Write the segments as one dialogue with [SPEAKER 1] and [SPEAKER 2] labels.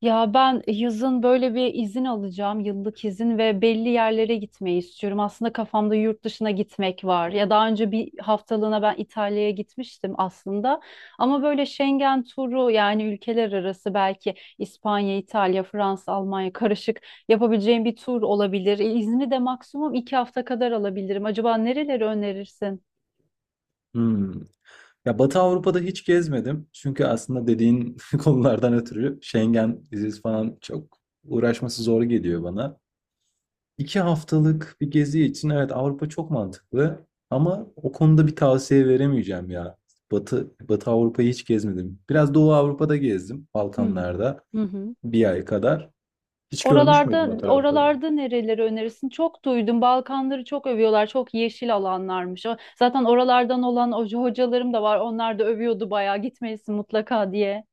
[SPEAKER 1] Ya ben yazın böyle bir izin alacağım, yıllık izin ve belli yerlere gitmeyi istiyorum. Aslında kafamda yurt dışına gitmek var. Ya daha önce bir haftalığına ben İtalya'ya gitmiştim aslında. Ama böyle Schengen turu yani ülkeler arası belki İspanya, İtalya, Fransa, Almanya karışık yapabileceğim bir tur olabilir. İzni de maksimum 2 hafta kadar alabilirim. Acaba nereleri önerirsin?
[SPEAKER 2] Hmm. Ya, Batı Avrupa'da hiç gezmedim. Çünkü aslında dediğin konulardan ötürü Schengen vizesi falan çok uğraşması zor geliyor bana. 2 haftalık bir gezi için evet Avrupa çok mantıklı ama o konuda bir tavsiye veremeyeceğim ya. Batı Avrupa'yı hiç gezmedim. Biraz Doğu Avrupa'da gezdim,
[SPEAKER 1] Hı hı.
[SPEAKER 2] Balkanlarda
[SPEAKER 1] Hı hı.
[SPEAKER 2] 1 ay kadar. Hiç görmüş
[SPEAKER 1] Oralarda
[SPEAKER 2] müydün o tarafları?
[SPEAKER 1] oralarda nereleri önerirsin? Çok duydum. Balkanları çok övüyorlar. Çok yeşil alanlarmış. Zaten oralardan olan hocalarım da var. Onlar da övüyordu bayağı. Gitmelisin mutlaka diye.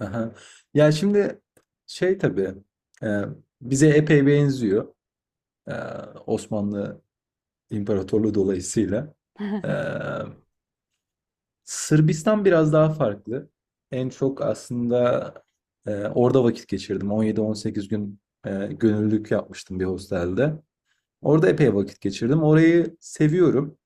[SPEAKER 2] Aha. Ya şimdi şey tabii e, bize epey benziyor. E, Osmanlı İmparatorluğu dolayısıyla. Ee, Sırbistan biraz daha farklı. En çok aslında orada vakit geçirdim. 17-18 gün gönüllülük yapmıştım bir hostelde. Orada epey vakit geçirdim. Orayı seviyorum.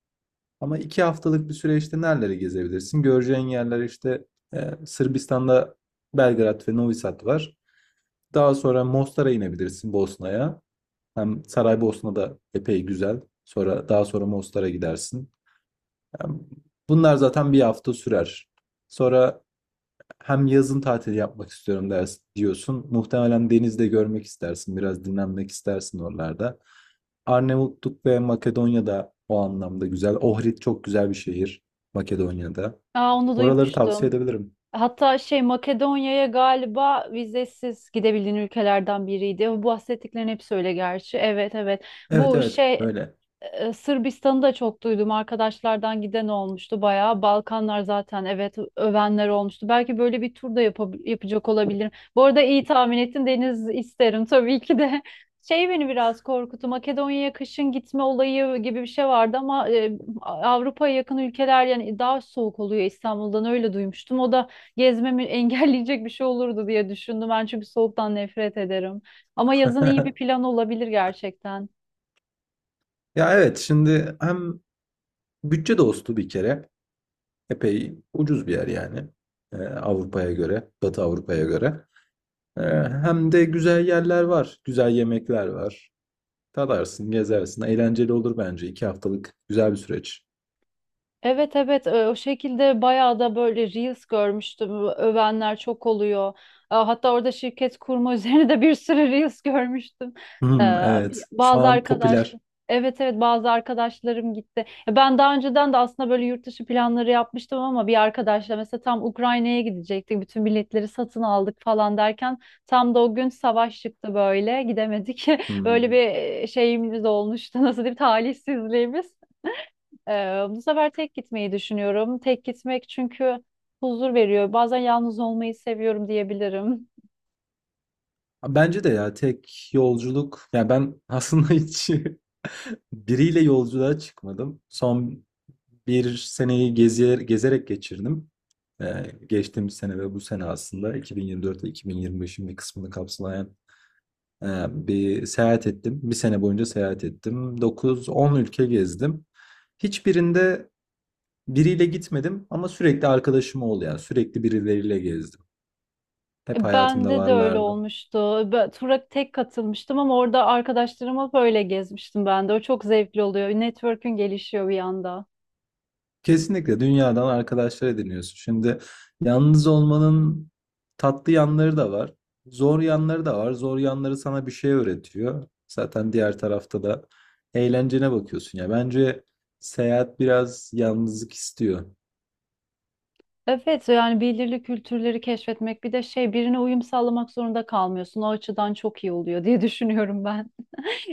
[SPEAKER 2] Ama 2 haftalık bir süreçte nereleri gezebilirsin? Göreceğin yerler işte Sırbistan'da Belgrad ve Novi Sad var. Daha sonra Mostar'a inebilirsin Bosna'ya. Hem Saraybosna da epey güzel. Sonra daha sonra Mostar'a gidersin. Yani bunlar zaten 1 hafta sürer. Sonra hem yazın tatili yapmak istiyorum ders diyorsun. Muhtemelen denizde görmek istersin, biraz dinlenmek istersin oralarda. Arnavutluk ve Makedonya'da o anlamda güzel. Ohrid çok güzel bir şehir Makedonya'da.
[SPEAKER 1] Aa, onu
[SPEAKER 2] Oraları tavsiye
[SPEAKER 1] duymuştum.
[SPEAKER 2] edebilirim.
[SPEAKER 1] Hatta şey Makedonya'ya galiba vizesiz gidebildiğin ülkelerden biriydi. Bu bahsettiklerin hepsi öyle gerçi. Evet, evet.
[SPEAKER 2] Evet,
[SPEAKER 1] Bu
[SPEAKER 2] evet,
[SPEAKER 1] şey
[SPEAKER 2] öyle.
[SPEAKER 1] Sırbistan'ı da çok duydum. Arkadaşlardan giden olmuştu bayağı. Balkanlar zaten evet övenler olmuştu. Belki böyle bir tur da yapacak olabilirim. Bu arada iyi tahmin ettin. Deniz isterim tabii ki de. Şey beni biraz korkuttu. Makedonya'ya kışın gitme olayı gibi bir şey vardı ama Avrupa'ya yakın ülkeler yani daha soğuk oluyor İstanbul'dan öyle duymuştum. O da gezmemi engelleyecek bir şey olurdu diye düşündüm. Ben çünkü soğuktan nefret ederim. Ama yazın iyi bir plan olabilir gerçekten.
[SPEAKER 2] Ya evet şimdi hem bütçe dostu bir kere epey ucuz bir yer yani. Avrupa'ya göre, Batı Avrupa'ya göre. Ee, Hem de güzel yerler var, güzel yemekler var, tadarsın gezersin, eğlenceli olur bence 2 haftalık güzel bir süreç.
[SPEAKER 1] Evet, evet, o şekilde bayağı da böyle reels görmüştüm. Övenler çok oluyor. Hatta orada şirket kurma üzerine de bir sürü reels görmüştüm. E,
[SPEAKER 2] Hmm,
[SPEAKER 1] bir-
[SPEAKER 2] evet. Şu
[SPEAKER 1] Bazı
[SPEAKER 2] an popüler.
[SPEAKER 1] arkadaşlar Evet, evet, bazı arkadaşlarım gitti. Ben daha önceden de aslında böyle yurt dışı planları yapmıştım ama bir arkadaşla mesela tam Ukrayna'ya gidecektik. Bütün biletleri satın aldık falan derken tam da o gün savaş çıktı böyle gidemedik. Böyle
[SPEAKER 2] Hmm.
[SPEAKER 1] bir şeyimiz olmuştu, nasıl diyeyim, talihsizliğimiz. Ee, bu sefer tek gitmeyi düşünüyorum. Tek gitmek çünkü huzur veriyor. Bazen yalnız olmayı seviyorum diyebilirim.
[SPEAKER 2] Bence de ya tek yolculuk. Ya ben aslında hiç biriyle yolculuğa çıkmadım. Son bir seneyi gezerek geçirdim. Ee, Geçtiğimiz sene ve bu sene aslında 2024 ile 2025'in bir kısmını kapsayan e, bir seyahat ettim. 1 sene boyunca seyahat ettim. 9-10 ülke gezdim. Hiçbirinde biriyle gitmedim ama sürekli arkadaşım oldu yani. Sürekli birileriyle gezdim. Hep hayatımda
[SPEAKER 1] Bende de öyle
[SPEAKER 2] varlardı.
[SPEAKER 1] olmuştu. Ben tura tek katılmıştım ama orada arkadaşlarıma böyle gezmiştim ben de. O çok zevkli oluyor. Network'ün gelişiyor bir anda.
[SPEAKER 2] Kesinlikle dünyadan arkadaşlar ediniyorsun. Şimdi yalnız olmanın tatlı yanları da var. Zor yanları da var. Zor yanları sana bir şey öğretiyor. Zaten diğer tarafta da eğlencene bakıyorsun ya. Bence seyahat biraz yalnızlık istiyor.
[SPEAKER 1] Evet, yani belirli kültürleri keşfetmek bir de şey, birine uyum sağlamak zorunda kalmıyorsun. O açıdan çok iyi oluyor diye düşünüyorum ben.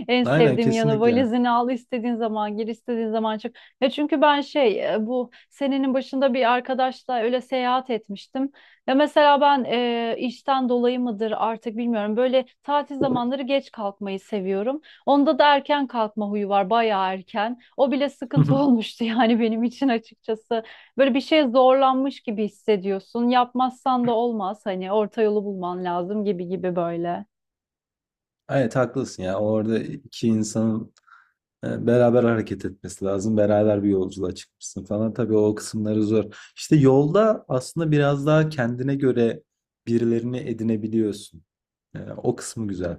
[SPEAKER 1] En
[SPEAKER 2] Aynen,
[SPEAKER 1] sevdiğim yanı
[SPEAKER 2] kesinlikle.
[SPEAKER 1] valizini al, istediğin zaman gir, istediğin zaman çık. Ya çünkü ben şey, bu senenin başında bir arkadaşla öyle seyahat etmiştim. Ya mesela ben, işten dolayı mıdır artık bilmiyorum. Böyle tatil zamanları geç kalkmayı seviyorum. Onda da erken kalkma huyu var, bayağı erken. O bile sıkıntı olmuştu yani benim için, açıkçası. Böyle bir şeye zorlanmış gibi hissediyorsun. Yapmazsan da olmaz, hani orta yolu bulman lazım gibi gibi, böyle.
[SPEAKER 2] Evet haklısın ya. Orada iki insanın beraber hareket etmesi lazım. Beraber bir yolculuğa çıkmışsın falan. Tabii o kısımları zor. İşte yolda aslında biraz daha kendine göre birilerini edinebiliyorsun. O kısmı güzel.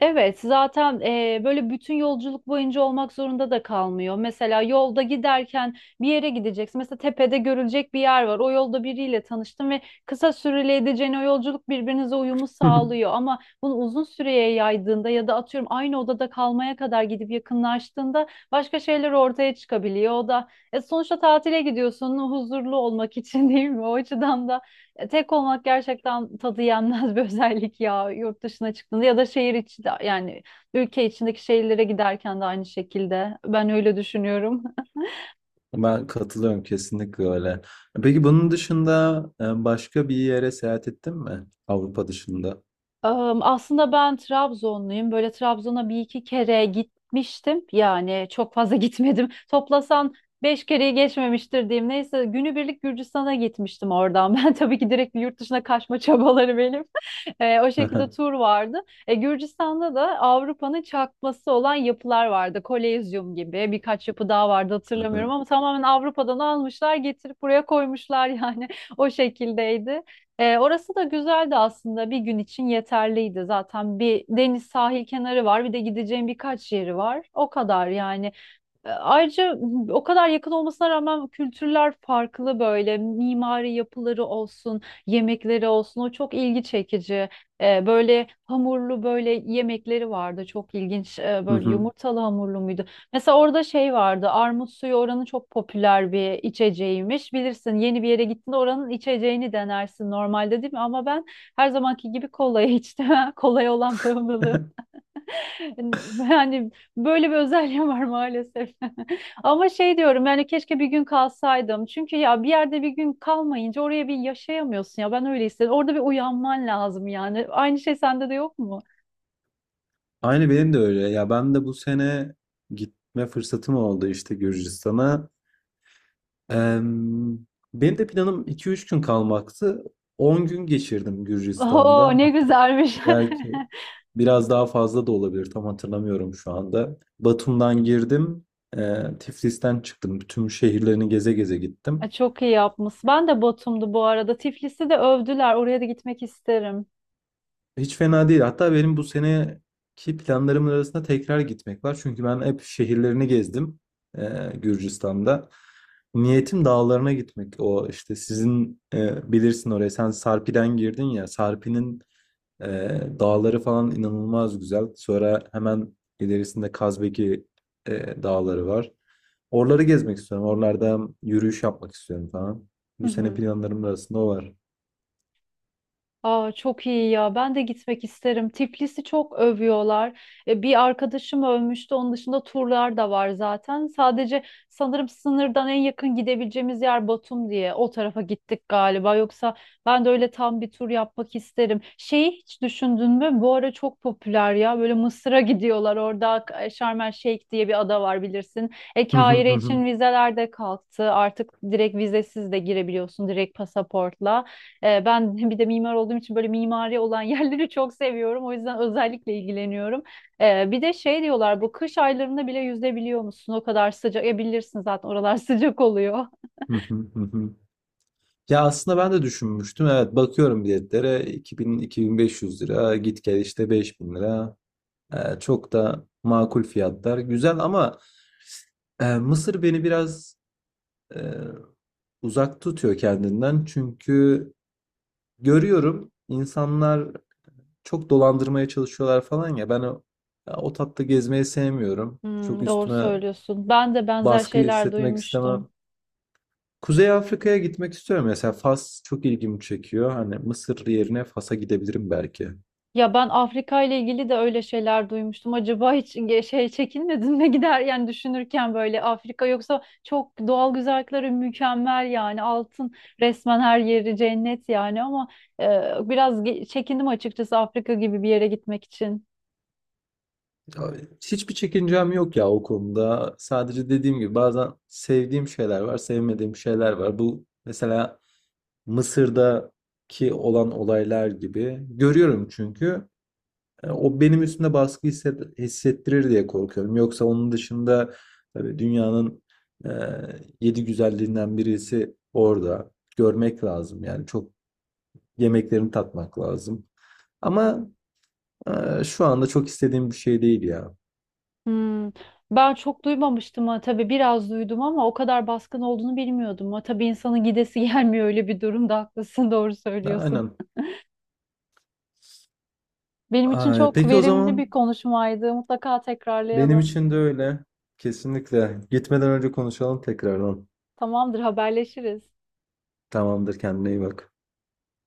[SPEAKER 1] Evet, zaten böyle bütün yolculuk boyunca olmak zorunda da kalmıyor. Mesela yolda giderken bir yere gideceksin. Mesela tepede görülecek bir yer var. O yolda biriyle tanıştın ve kısa süreli edeceğin o yolculuk birbirinize uyumu sağlıyor. Ama bunu uzun süreye yaydığında ya da atıyorum aynı odada kalmaya kadar gidip yakınlaştığında başka şeyler ortaya çıkabiliyor. O da sonuçta tatile gidiyorsun huzurlu olmak için değil mi? O açıdan da tek olmak gerçekten tadı yenmez bir özellik ya, yurt dışına çıktığında ya da şehir içi, de yani ülke içindeki şehirlere giderken de aynı şekilde ben öyle düşünüyorum.
[SPEAKER 2] Ben katılıyorum, kesinlikle öyle. Peki bunun dışında başka bir yere seyahat ettin mi? Avrupa dışında.
[SPEAKER 1] Aslında ben Trabzonluyum. Böyle Trabzon'a bir iki kere gitmiştim. Yani çok fazla gitmedim. Toplasan 5 kereyi geçmemiştir diyeyim. Neyse, günübirlik Gürcistan'a gitmiştim oradan. Ben tabii ki, direkt bir yurt dışına kaçma çabaları benim. O şekilde
[SPEAKER 2] Hı
[SPEAKER 1] tur vardı. Gürcistan'da da Avrupa'nın çakması olan yapılar vardı. Kolezyum gibi birkaç yapı daha vardı, hatırlamıyorum, ama tamamen Avrupa'dan almışlar getirip buraya koymuşlar yani o şekildeydi. Orası da güzeldi aslında, bir gün için yeterliydi zaten. Bir deniz, sahil kenarı var, bir de gideceğim birkaç yeri var, o kadar yani. Ayrıca o kadar yakın olmasına rağmen kültürler farklı, böyle mimari yapıları olsun, yemekleri olsun, o çok ilgi çekici. Böyle hamurlu böyle yemekleri vardı, çok ilginç. Böyle
[SPEAKER 2] hı.
[SPEAKER 1] yumurtalı hamurlu muydu? Mesela orada şey vardı, armut suyu, oranın çok popüler bir içeceğiymiş. Bilirsin, yeni bir yere gittiğinde oranın içeceğini denersin normalde, değil mi? Ama ben her zamanki gibi kolayı içtim. Kolay olan bağımlılığım. Yani hani, böyle bir özelliğim var maalesef. Ama şey diyorum yani, keşke bir gün kalsaydım. Çünkü ya bir yerde bir gün kalmayınca oraya bir yaşayamıyorsun ya, ben öyle istedim. Orada bir uyanman lazım yani. Aynı şey sende de yok mu?
[SPEAKER 2] Aynı benim de öyle. Ya ben de bu sene gitme fırsatım oldu işte Gürcistan'a. Em, Benim de planım 2 3 gün kalmaktı. 10 gün geçirdim
[SPEAKER 1] Oo,
[SPEAKER 2] Gürcistan'da.
[SPEAKER 1] ne
[SPEAKER 2] Hatta
[SPEAKER 1] güzelmiş.
[SPEAKER 2] belki biraz daha fazla da olabilir. Tam hatırlamıyorum şu anda. Batum'dan girdim. Tiflis'ten çıktım. Tüm şehirlerini geze geze
[SPEAKER 1] Ay,
[SPEAKER 2] gittim.
[SPEAKER 1] çok iyi yapmış. Ben de Batum'du bu arada. Tiflis'i de övdüler. Oraya da gitmek isterim.
[SPEAKER 2] Hiç fena değil. Hatta benim bu seneki planlarımın arasında tekrar gitmek var. Çünkü ben hep şehirlerini gezdim Gürcistan'da. Niyetim dağlarına gitmek. O işte sizin bilirsin oraya. Sen Sarpi'den girdin ya. Sarpi'nin e, dağları falan inanılmaz güzel. Sonra hemen ilerisinde Kazbeki dağları var. Oraları gezmek istiyorum. Oralarda yürüyüş yapmak istiyorum falan.
[SPEAKER 1] Hı
[SPEAKER 2] Bu sene
[SPEAKER 1] hı.
[SPEAKER 2] planlarımın arasında o var.
[SPEAKER 1] Aa, çok iyi ya. Ben de gitmek isterim. Tiflis'i çok övüyorlar. Bir arkadaşım övmüştü. Onun dışında turlar da var zaten. Sadece sanırım sınırdan en yakın gidebileceğimiz yer Batum diye. O tarafa gittik galiba. Yoksa ben de öyle tam bir tur yapmak isterim. Şeyi hiç düşündün mü? Bu ara çok popüler ya. Böyle Mısır'a gidiyorlar. Orada Sharm El Sheikh diye bir ada var, bilirsin.
[SPEAKER 2] Hı hı, hı
[SPEAKER 1] Kahire için
[SPEAKER 2] hı.
[SPEAKER 1] vizeler de kalktı. Artık direkt vizesiz de girebiliyorsun, direkt pasaportla. Ben bir de mimar olduğum için böyle mimari olan yerleri çok seviyorum. O yüzden özellikle ilgileniyorum. Bir de şey diyorlar, bu kış aylarında bile yüzebiliyor musun? O kadar sıcak. E, bilirsin zaten oralar sıcak oluyor.
[SPEAKER 2] Hı hı, hı hı. Ya aslında ben de düşünmüştüm. Evet bakıyorum biletlere 2000-2500 lira git gel işte 5000 lira. Çok da makul fiyatlar. Güzel ama Mısır beni biraz e, uzak tutuyor kendinden. Çünkü görüyorum insanlar çok dolandırmaya çalışıyorlar falan ya ben ya o tatta gezmeyi sevmiyorum. Çok
[SPEAKER 1] Hmm, doğru
[SPEAKER 2] üstüme
[SPEAKER 1] söylüyorsun. Ben de benzer
[SPEAKER 2] baskı
[SPEAKER 1] şeyler
[SPEAKER 2] hissetmek
[SPEAKER 1] duymuştum.
[SPEAKER 2] istemem. Kuzey Afrika'ya gitmek istiyorum. Mesela Fas çok ilgimi çekiyor. Hani Mısır yerine Fas'a gidebilirim belki.
[SPEAKER 1] Ya ben Afrika ile ilgili de öyle şeyler duymuştum. Acaba hiç şey, çekinmedin mi gider yani düşünürken böyle Afrika, yoksa çok doğal güzellikleri mükemmel yani, altın resmen, her yeri cennet yani, ama biraz çekindim açıkçası Afrika gibi bir yere gitmek için.
[SPEAKER 2] Ya, hiçbir çekincem yok ya o konuda. Sadece dediğim gibi bazen sevdiğim şeyler var, sevmediğim şeyler var. Bu mesela Mısır'daki olan olaylar gibi. Görüyorum çünkü. O benim üstümde baskı hissettirir diye korkuyorum. Yoksa onun dışında tabii dünyanın e, yedi güzelliğinden birisi orada. Görmek lazım yani çok yemeklerini tatmak lazım. Ama şu anda çok istediğim bir şey değil ya.
[SPEAKER 1] Hmm. Ben çok duymamıştım. Ha tabii biraz duydum ama o kadar baskın olduğunu bilmiyordum. Ha tabii, insanın gidesi gelmiyor öyle bir durumda, haklısın, doğru söylüyorsun.
[SPEAKER 2] Aynen.
[SPEAKER 1] Benim için
[SPEAKER 2] Ay,
[SPEAKER 1] çok
[SPEAKER 2] peki o
[SPEAKER 1] verimli bir
[SPEAKER 2] zaman
[SPEAKER 1] konuşmaydı. Mutlaka
[SPEAKER 2] benim
[SPEAKER 1] tekrarlayalım.
[SPEAKER 2] için de öyle. Kesinlikle. Gitmeden önce konuşalım tekrardan.
[SPEAKER 1] Tamamdır, haberleşiriz.
[SPEAKER 2] Tamamdır, kendine iyi bak.